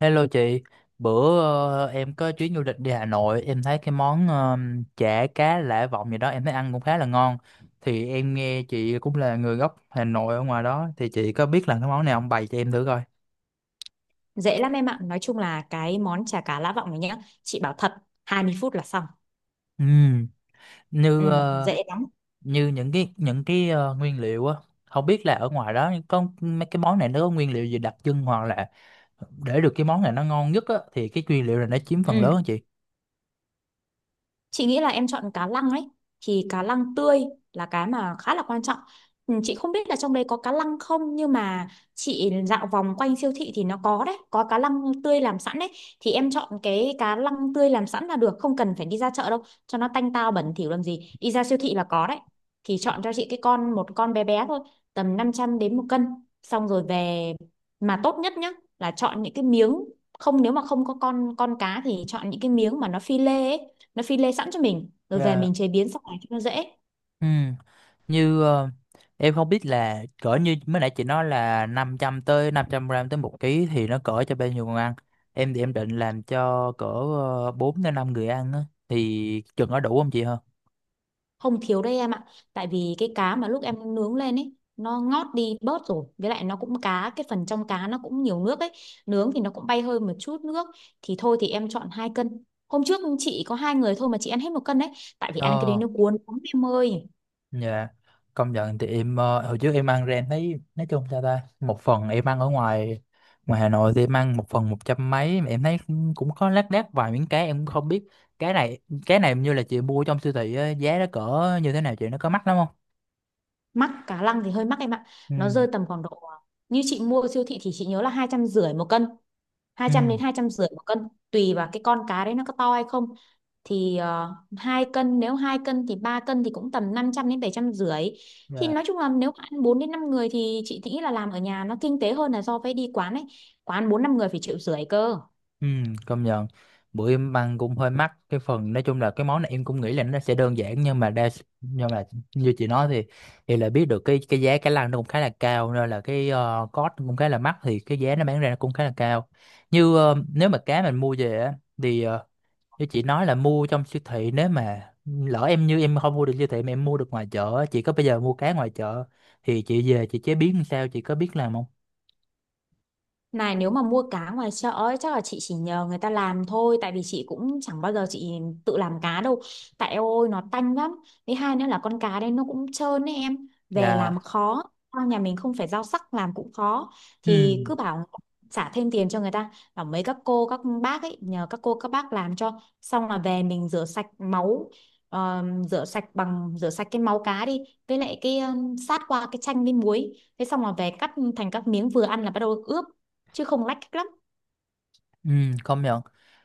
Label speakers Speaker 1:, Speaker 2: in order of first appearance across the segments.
Speaker 1: Hello chị, bữa em có chuyến du lịch đi Hà Nội, em thấy cái món chả cá Lã Vọng gì đó em thấy ăn cũng khá là ngon. Thì em nghe chị cũng là người gốc Hà Nội ở ngoài đó, thì chị có biết là cái món này không, bày cho em thử coi.
Speaker 2: Dễ lắm em ạ. Nói chung là cái món chả cá Lã Vọng này nhá, chị bảo thật, 20 phút là xong.
Speaker 1: Ừm,
Speaker 2: Ừ,
Speaker 1: Như
Speaker 2: dễ lắm.
Speaker 1: như những cái nguyên liệu á, không biết là ở ngoài đó có mấy cái món này nó có nguyên liệu gì đặc trưng hoặc là để được cái món này nó ngon nhất á thì cái nguyên liệu này nó chiếm phần
Speaker 2: Ừ,
Speaker 1: lớn á chị.
Speaker 2: chị nghĩ là em chọn cá lăng ấy, thì cá lăng tươi là cái mà khá là quan trọng. Ừ, chị không biết là trong đấy có cá lăng không, nhưng mà chị dạo vòng quanh siêu thị thì nó có đấy, có cá lăng tươi làm sẵn đấy, thì em chọn cái cá lăng tươi làm sẵn là được, không cần phải đi ra chợ đâu, cho nó tanh tao bẩn thỉu làm gì. Đi ra siêu thị là có đấy. Thì chọn cho chị cái con, một con bé bé thôi, tầm 500 g đến 1 cân. Xong rồi về, mà tốt nhất nhá là chọn những cái miếng, không, nếu mà không có con cá thì chọn những cái miếng mà nó phi lê ấy, nó phi lê sẵn cho mình rồi về
Speaker 1: Dạ.
Speaker 2: mình chế biến sau này cho nó dễ.
Speaker 1: Ừ. như ờ, em không biết là cỡ như mới nãy chị nói là 500 tới 500 gram tới 1 ký thì nó cỡ cho bao nhiêu người ăn. Em thì em định làm cho cỡ 4 đến 5 người ăn á, thì chừng có đủ không chị hả?
Speaker 2: Không thiếu đây em ạ, tại vì cái cá mà lúc em nướng lên ấy nó ngót đi bớt rồi, với lại nó cũng cá, cái phần trong cá nó cũng nhiều nước ấy, nướng thì nó cũng bay hơi một chút nước. Thì thôi thì em chọn 2 cân, hôm trước chị có hai người thôi mà chị ăn hết 1 cân đấy, tại vì ăn cái đấy
Speaker 1: Ờ,
Speaker 2: nó cuốn lắm em ơi.
Speaker 1: dạ. Công nhận. Thì em hồi trước em ăn ra em thấy nói chung sao ta, một phần em ăn ở ngoài ngoài Hà Nội thì em ăn một phần 100 mấy mà em thấy cũng cũng có lác đác vài miếng cá em cũng không biết. Cái này cái này như là chị mua trong siêu thị á, giá nó cỡ như thế nào chị, nó có mắc lắm không?
Speaker 2: Mắc, cá lăng thì hơi mắc em ạ,
Speaker 1: Ừ.
Speaker 2: nó rơi tầm khoảng độ, như chị mua ở siêu thị thì chị nhớ là 250 nghìn một cân, hai
Speaker 1: Ừ.
Speaker 2: trăm đến hai trăm rưỡi một cân tùy vào cái con cá đấy nó có to hay không. Thì 2 cân, nếu 2 cân thì 3 cân thì cũng tầm 500 đến 750 nghìn. Thì
Speaker 1: Dạ.
Speaker 2: nói chung là nếu mà ăn 4 đến 5 người thì chị nghĩ là làm ở nhà nó kinh tế hơn là so với đi quán ấy, quán 4-5 người phải 1,5 triệu cơ.
Speaker 1: Ừ, công nhận. Bữa em ăn cũng hơi mắc, cái phần nói chung là cái món này em cũng nghĩ là nó sẽ đơn giản nhưng mà đa- nhưng mà như chị nói thì là biết được cái giá cá lăng nó cũng khá là cao, nên là cái cost cũng khá là mắc thì cái giá nó bán ra nó cũng khá là cao. Nếu mà cá mình mua về á thì như chị nói là mua trong siêu thị, nếu mà lỡ em em không mua được siêu thị mà em mua được ngoài chợ á, chị có bây giờ mua cá ngoài chợ thì chị về chị chế biến làm sao, chị có biết làm không?
Speaker 2: Này, nếu mà mua cá ngoài chợ ấy, chắc là chị chỉ nhờ người ta làm thôi, tại vì chị cũng chẳng bao giờ chị tự làm cá đâu, tại eo ôi nó tanh lắm, với hai nữa là con cá đây nó cũng trơn ấy, em về làm
Speaker 1: Dạ.
Speaker 2: khó. Sao nhà mình không phải rau sắc làm cũng khó,
Speaker 1: Ừ.
Speaker 2: thì cứ bảo trả thêm tiền cho người ta, bảo mấy các cô các bác ấy, nhờ các cô các bác làm cho, xong là về mình rửa sạch máu, ờ, rửa sạch, bằng rửa sạch cái máu cá đi, với lại cái sát qua cái chanh với muối, thế xong là về cắt thành các miếng vừa ăn là bắt đầu ướp, chứ không lách cách lắm.
Speaker 1: Ừ, công nhận.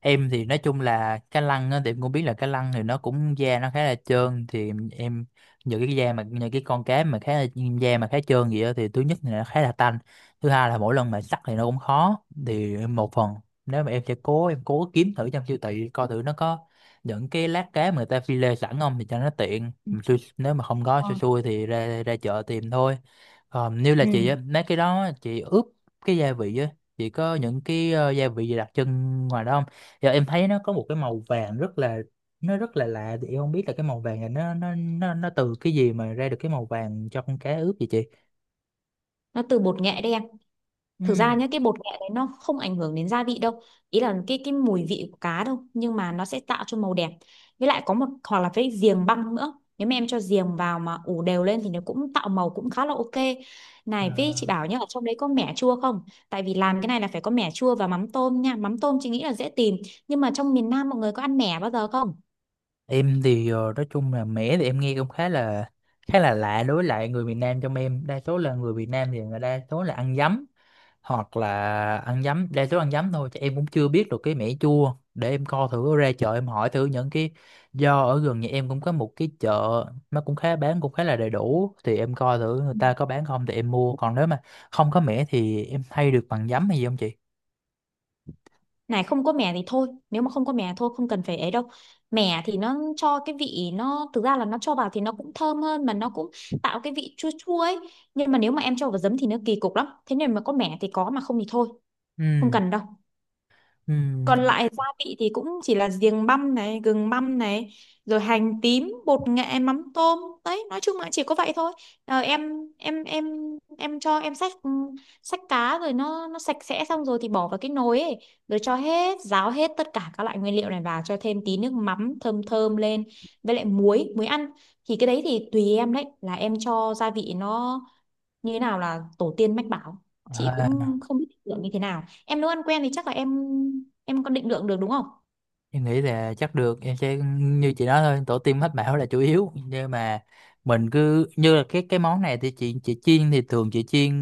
Speaker 1: Em thì nói chung là cá lăng á, thì em cũng biết là cá lăng thì nó cũng da nó khá là trơn thì những cái da mà những cái con cá mà khá là da mà khá trơn gì đó thì thứ nhất là nó khá là tanh, thứ hai là mỗi lần mà sắc thì nó cũng khó. Thì em một phần nếu mà em sẽ cố, em cố kiếm thử trong siêu thị coi thử nó có những cái lát cá mà người ta phi lê sẵn không, thì cho nó tiện.
Speaker 2: Ừ.
Speaker 1: Mà nếu mà không có
Speaker 2: Ờ.
Speaker 1: xui xui thì ra ra chợ tìm thôi. Còn như là chị
Speaker 2: Ừ.
Speaker 1: á, mấy cái đó chị ướp cái gia vị á, chị có những cái gia vị gì đặc trưng ngoài đó không? Giờ em thấy nó có một cái màu vàng rất là, nó rất là lạ, thì em không biết là cái màu vàng này nó từ cái gì mà ra được cái màu vàng cho con cá ướp vậy chị?
Speaker 2: Nó từ bột nghệ đen.
Speaker 1: Ừ.
Speaker 2: Thực ra nhá, cái bột nghệ đấy nó không ảnh hưởng đến gia vị đâu, ý là cái mùi vị của cá đâu, nhưng mà nó sẽ tạo cho màu đẹp. Với lại có một, hoặc là với giềng băng nữa, nếu mà em cho giềng vào mà ủ đều lên thì nó cũng tạo màu cũng khá là ok.
Speaker 1: Ờ,
Speaker 2: Này, với chị bảo nhá, ở trong đấy có mẻ chua không, tại vì làm cái này là phải có mẻ chua và mắm tôm nha, mắm tôm chị nghĩ là dễ tìm, nhưng mà trong miền Nam mọi người có ăn mẻ bao giờ không.
Speaker 1: em thì nói chung là mẻ thì em nghe cũng khá là lạ đối với lại người miền Nam, trong em đa số là người Việt Nam thì người đa số là ăn giấm, hoặc là ăn giấm đa số ăn giấm thôi, chứ em cũng chưa biết được cái mẻ chua, để em co thử ra chợ em hỏi thử. Những cái do ở gần nhà em cũng có một cái chợ, nó cũng khá bán cũng khá là đầy đủ thì em coi thử người ta có bán không thì em mua, còn nếu mà không có mẻ thì em thay được bằng giấm hay gì không chị?
Speaker 2: Này, không có mè thì thôi, nếu mà không có mè thôi, không cần phải ấy đâu. Mè thì nó cho cái vị, nó thực ra là nó cho vào thì nó cũng thơm hơn, mà nó cũng tạo cái vị chua chua ấy, nhưng mà nếu mà em cho vào giấm thì nó kỳ cục lắm, thế nên mà có mè thì có, mà không thì thôi, không
Speaker 1: Ừ.
Speaker 2: cần đâu. Còn lại gia vị thì cũng chỉ là giềng băm này, gừng băm này, rồi hành tím, bột nghệ, mắm tôm, đấy, nói chung là chỉ có vậy thôi. Ờ, em em em em cho em xách cá rồi, nó sạch sẽ xong rồi thì bỏ vào cái nồi ấy, rồi cho hết ráo hết tất cả các loại nguyên liệu này vào, cho thêm tí nước mắm thơm thơm lên, với lại muối muối ăn. Thì cái đấy thì tùy em đấy, là em cho gia vị nó như thế nào là tổ tiên mách bảo, chị
Speaker 1: Ừ.
Speaker 2: cũng không biết định lượng như thế nào, em nấu ăn quen thì chắc là em có định lượng được đúng không.
Speaker 1: Em nghĩ là chắc được, em sẽ như chị nói thôi, tổ tiên mách bảo là chủ yếu, nhưng mà mình cứ như là cái món này thì chị chiên thì thường chị chiên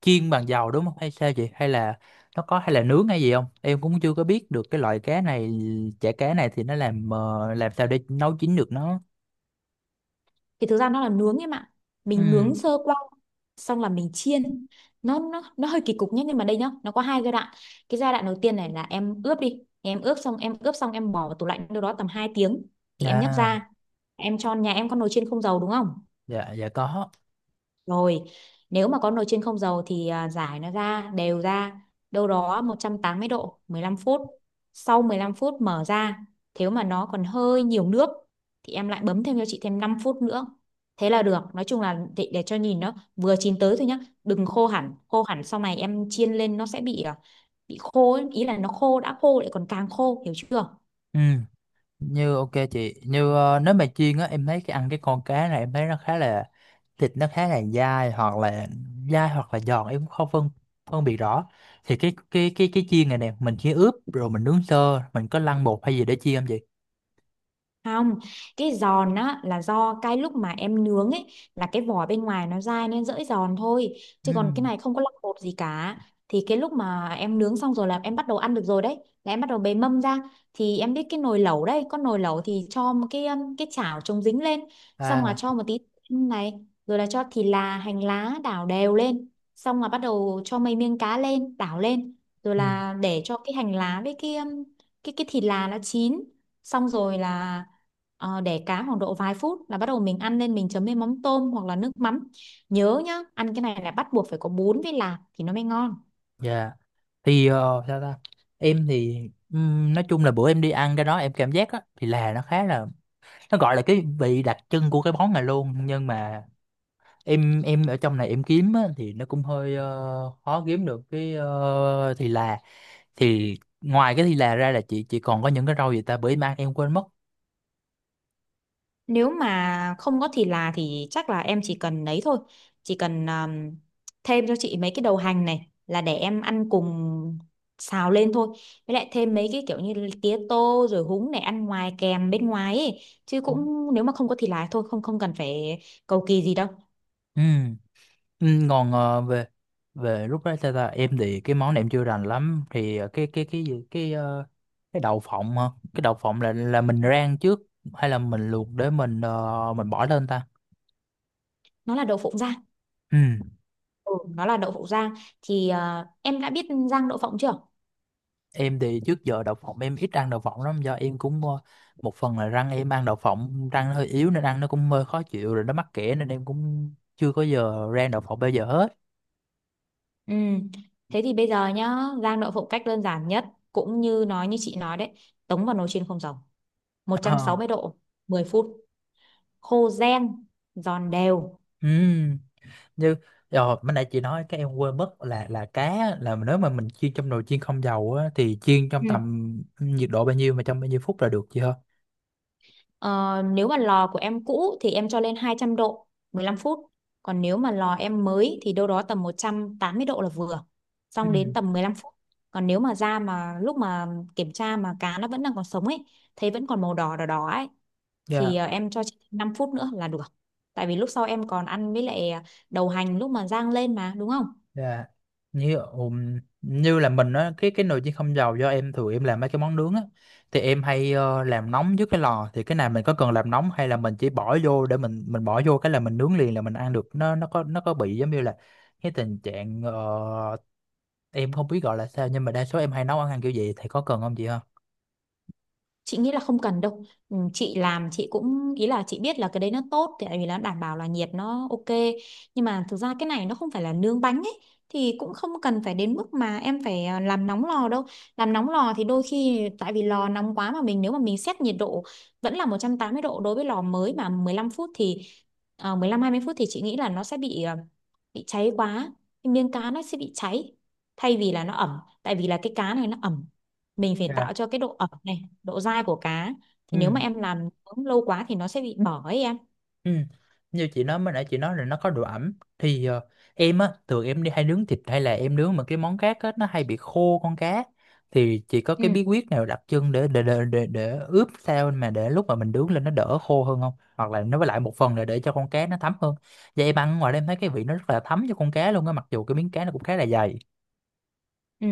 Speaker 1: chiên bằng dầu đúng không hay sao chị, hay là nó có hay là nướng hay gì không, em cũng chưa có biết được cái loại cá này, chả cá này thì nó làm làm sao để nấu chín được nó.
Speaker 2: Thì thực ra nó là nướng em ạ,
Speaker 1: Ừ.
Speaker 2: mình nướng sơ qua xong là mình chiên, nó hơi kỳ cục nhé, nhưng mà đây nhá, nó có 2 giai đoạn. Cái giai đoạn đầu tiên này là em ướp đi, em ướp xong em bỏ vào tủ lạnh đâu đó tầm 2 tiếng thì em nhấc
Speaker 1: Dạ.
Speaker 2: ra, em cho, nhà em có nồi chiên không dầu đúng không.
Speaker 1: Dạ có.
Speaker 2: Rồi, nếu mà có nồi chiên không dầu thì rải nó ra, đều ra, đâu đó 180 độ, 15 phút. Sau 15 phút mở ra, nếu mà nó còn hơi nhiều nước thì em lại bấm thêm cho chị thêm 5 phút nữa. Thế là được, nói chung là để cho nhìn nó vừa chín tới thôi nhá, đừng khô hẳn, khô hẳn sau này em chiên lên nó sẽ bị bị khô ấy. Ý là nó khô, đã khô lại còn càng khô, hiểu chưa?
Speaker 1: Ừ. Ok chị. Nếu mà chiên á em thấy cái ăn cái con cá này em thấy nó khá là, thịt nó khá là dai hoặc là dai hoặc là giòn em cũng không phân phân biệt rõ. Thì cái chiên này nè, mình chỉ ướp rồi mình nướng sơ, mình có lăn bột hay gì để chiên không chị?
Speaker 2: Không, cái giòn á là do cái lúc mà em nướng ấy, là cái vỏ bên ngoài nó dai nên dễ giòn thôi. Chứ còn cái
Speaker 1: Ừm,
Speaker 2: này không có lọc bột gì cả. Thì cái lúc mà em nướng xong rồi là em bắt đầu ăn được rồi đấy. Là em bắt đầu bề mâm ra. Thì em biết cái nồi lẩu đấy, có nồi lẩu thì cho một cái chảo chống dính lên. Xong là
Speaker 1: À.
Speaker 2: cho một tí này, rồi là cho thịt là hành lá đảo đều lên. Xong là bắt đầu cho mấy miếng cá lên, đảo lên. Rồi
Speaker 1: ừm,
Speaker 2: là để cho cái hành lá với cái thịt là nó chín xong rồi là, để cá khoảng độ vài phút là bắt đầu mình ăn lên, mình chấm với mắm tôm hoặc là nước mắm. Nhớ nhá, ăn cái này là bắt buộc phải có bún với lạc thì nó mới ngon.
Speaker 1: dạ. Thì sao ta em thì nói chung là bữa em đi ăn cái đó em cảm giác á thì là nó khá là, nó gọi là cái vị đặc trưng của cái món này luôn, nhưng mà em ở trong này em kiếm á, thì nó cũng hơi khó kiếm được cái thì là. thì Ngoài cái thì là ra là chị còn có những cái rau gì ta, bởi mang em quên mất.
Speaker 2: Nếu mà không có thịt là thì chắc là em chỉ cần lấy thôi, chỉ cần thêm cho chị mấy cái đầu hành này là để em ăn cùng, xào lên thôi, với lại thêm mấy cái kiểu như tía tô rồi húng để ăn ngoài kèm bên ngoài ấy. Chứ cũng nếu mà không có thịt là thôi, không không cần phải cầu kỳ gì đâu.
Speaker 1: Ừ. Ừ, còn về về lúc đó ta, em thì cái món này em chưa rành lắm thì cái gì cái cái đậu phộng hả? Cái đậu phộng là mình rang trước hay là mình luộc để mình mình bỏ lên ta?
Speaker 2: Nó là đậu phộng rang.
Speaker 1: Ừ.
Speaker 2: Ừ, nó là đậu phộng rang, thì em đã biết rang đậu phộng chưa?
Speaker 1: Em thì trước giờ đậu phộng em ít ăn đậu phộng lắm do em cũng một phần là răng em ăn đậu phộng, răng nó hơi yếu nên ăn nó cũng hơi khó chịu, rồi nó mắc kẽ nên em cũng chưa có giờ rang đậu phộng bao giờ hết.
Speaker 2: Ừ. Thế thì bây giờ nhá, rang đậu phộng cách đơn giản nhất, cũng như nói như chị nói đấy, tống vào nồi chiên không dầu, một trăm
Speaker 1: Ờ.
Speaker 2: sáu mươi độ, 10 phút, khô ren, giòn đều.
Speaker 1: Ừ. như Rồi bữa nãy chị nói cái em quên mất là cá, là nếu mà mình chiên trong nồi chiên không dầu á thì chiên trong
Speaker 2: Ừ.
Speaker 1: tầm nhiệt độ bao nhiêu mà trong bao nhiêu phút là được chị hả?
Speaker 2: Ờ, nếu mà lò của em cũ thì em cho lên 200 độ, 15 phút. Còn nếu mà lò em mới thì đâu đó tầm 180 độ là vừa.
Speaker 1: Ừ.
Speaker 2: Xong đến tầm 15 phút. Còn nếu mà da mà lúc mà kiểm tra mà cá nó vẫn đang còn sống ấy, thấy vẫn còn màu đỏ đỏ đỏ ấy, thì
Speaker 1: Dạ,
Speaker 2: em cho chị 5 phút nữa là được, tại vì lúc sau em còn ăn với lại đầu hành lúc mà rang lên mà đúng không.
Speaker 1: dạ. Như Như là mình á cái nồi chiên không dầu do em thường em làm mấy cái món nướng á thì em hay làm nóng trước cái lò, thì cái này mình có cần làm nóng hay là mình chỉ bỏ vô để mình bỏ vô cái là mình nướng liền là mình ăn được, nó có có bị giống như là cái tình trạng em không biết gọi là sao, nhưng mà đa số em hay nấu ăn ăn kiểu vậy thì có cần không chị ha?
Speaker 2: Chị nghĩ là không cần đâu. Ừ, chị làm chị cũng, ý là chị biết là cái đấy nó tốt, thì tại vì nó đảm bảo là nhiệt nó ok, nhưng mà thực ra cái này nó không phải là nướng bánh ấy, thì cũng không cần phải đến mức mà em phải làm nóng lò đâu. Làm nóng lò thì đôi khi tại vì lò nóng quá, mà mình, nếu mà mình xét nhiệt độ vẫn là 180 độ đối với lò mới mà 15 phút, thì 15-20 phút thì chị nghĩ là nó sẽ bị bị cháy quá, cái miếng cá nó sẽ bị cháy, thay vì là nó ẩm, tại vì là cái cá này nó ẩm, mình phải
Speaker 1: Dạ.
Speaker 2: tạo cho cái độ ẩm này, độ dai của cá. Thì
Speaker 1: Ừ,
Speaker 2: nếu mà em làm nướng lâu quá thì nó sẽ bị bở ấy em.
Speaker 1: ừ. Như chị nói, mới nãy chị nói là nó có độ ẩm thì em á thường em đi hay nướng thịt hay là em nướng mà cái món cá á nó hay bị khô con cá, thì chị có cái
Speaker 2: Ừ.
Speaker 1: bí quyết nào đặc trưng để ướp sao mà để lúc mà mình nướng lên nó đỡ khô hơn không, hoặc là nó với lại một phần là để cho con cá nó thấm hơn. Vậy em ăn ngoài đây em thấy cái vị nó rất là thấm cho con cá luôn á mặc dù cái miếng cá nó cũng khá là dày.
Speaker 2: Ừ.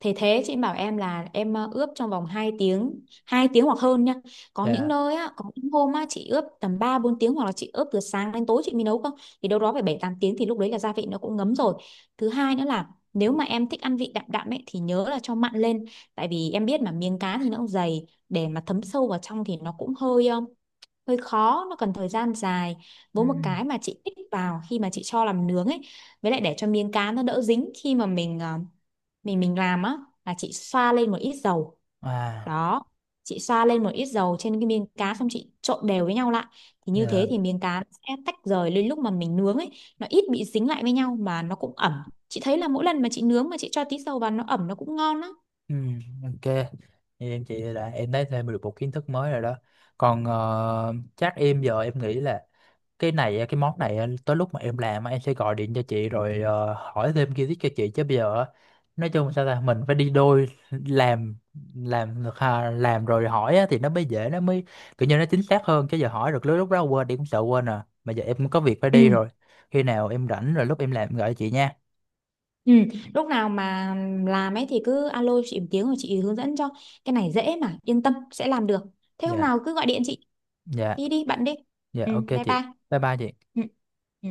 Speaker 2: Thế thế chị bảo em là em ướp trong vòng 2 tiếng, 2 tiếng hoặc hơn nha, có những
Speaker 1: Dạ.
Speaker 2: nơi á, có những hôm á chị ướp tầm 3-4 tiếng, hoặc là chị ướp từ sáng đến tối chị mới nấu cơ. Thì đâu đó phải 7-8 tiếng thì lúc đấy là gia vị nó cũng ngấm rồi. Thứ 2 nữa là nếu mà em thích ăn vị đậm đậm ấy thì nhớ là cho mặn lên, tại vì em biết mà miếng cá thì nó cũng dày, để mà thấm sâu vào trong thì nó cũng hơi hơi khó, nó cần thời gian dài.
Speaker 1: Ừ.
Speaker 2: Với một cái mà chị tích vào khi mà chị cho làm nướng ấy, với lại để cho miếng cá nó đỡ dính khi mà mình làm á, là chị xoa lên một ít dầu,
Speaker 1: À.
Speaker 2: đó, chị xoa lên một ít dầu trên cái miếng cá xong chị trộn đều với nhau lại, thì như thế
Speaker 1: Dạ.
Speaker 2: thì miếng cá nó sẽ tách rời lên lúc mà mình nướng ấy, nó ít bị dính lại với nhau mà nó cũng ẩm. Chị thấy là mỗi lần mà chị nướng mà chị cho tí dầu vào nó ẩm, nó cũng ngon á.
Speaker 1: Ừ, ok. Vậy em chị là em thấy thêm được một kiến thức mới rồi đó. Còn chắc em giờ em nghĩ là cái này á, cái món này á, tới lúc mà em làm á, em sẽ gọi điện cho chị rồi hỏi thêm kiến thức cho chị, chứ bây giờ á nói chung sao ta, mình phải đi đôi làm được ha, làm rồi hỏi á thì nó mới dễ, nó mới kiểu như nó chính xác hơn, chứ giờ hỏi được lúc lúc đó quên đi cũng sợ quên. À mà giờ em cũng có việc phải
Speaker 2: Ừ.
Speaker 1: đi rồi. Khi nào em rảnh rồi lúc em làm em gọi cho chị nha.
Speaker 2: Ừ, lúc nào mà làm ấy thì cứ alo chị một tiếng rồi chị hướng dẫn cho. Cái này dễ mà, yên tâm sẽ làm được. Thế hôm
Speaker 1: Dạ.
Speaker 2: nào cứ gọi điện chị,
Speaker 1: dạ
Speaker 2: đi đi bạn đi.
Speaker 1: dạ
Speaker 2: Ừ,
Speaker 1: ok
Speaker 2: bye
Speaker 1: chị.
Speaker 2: bye.
Speaker 1: Bye bye chị.
Speaker 2: Ừ. Ừ.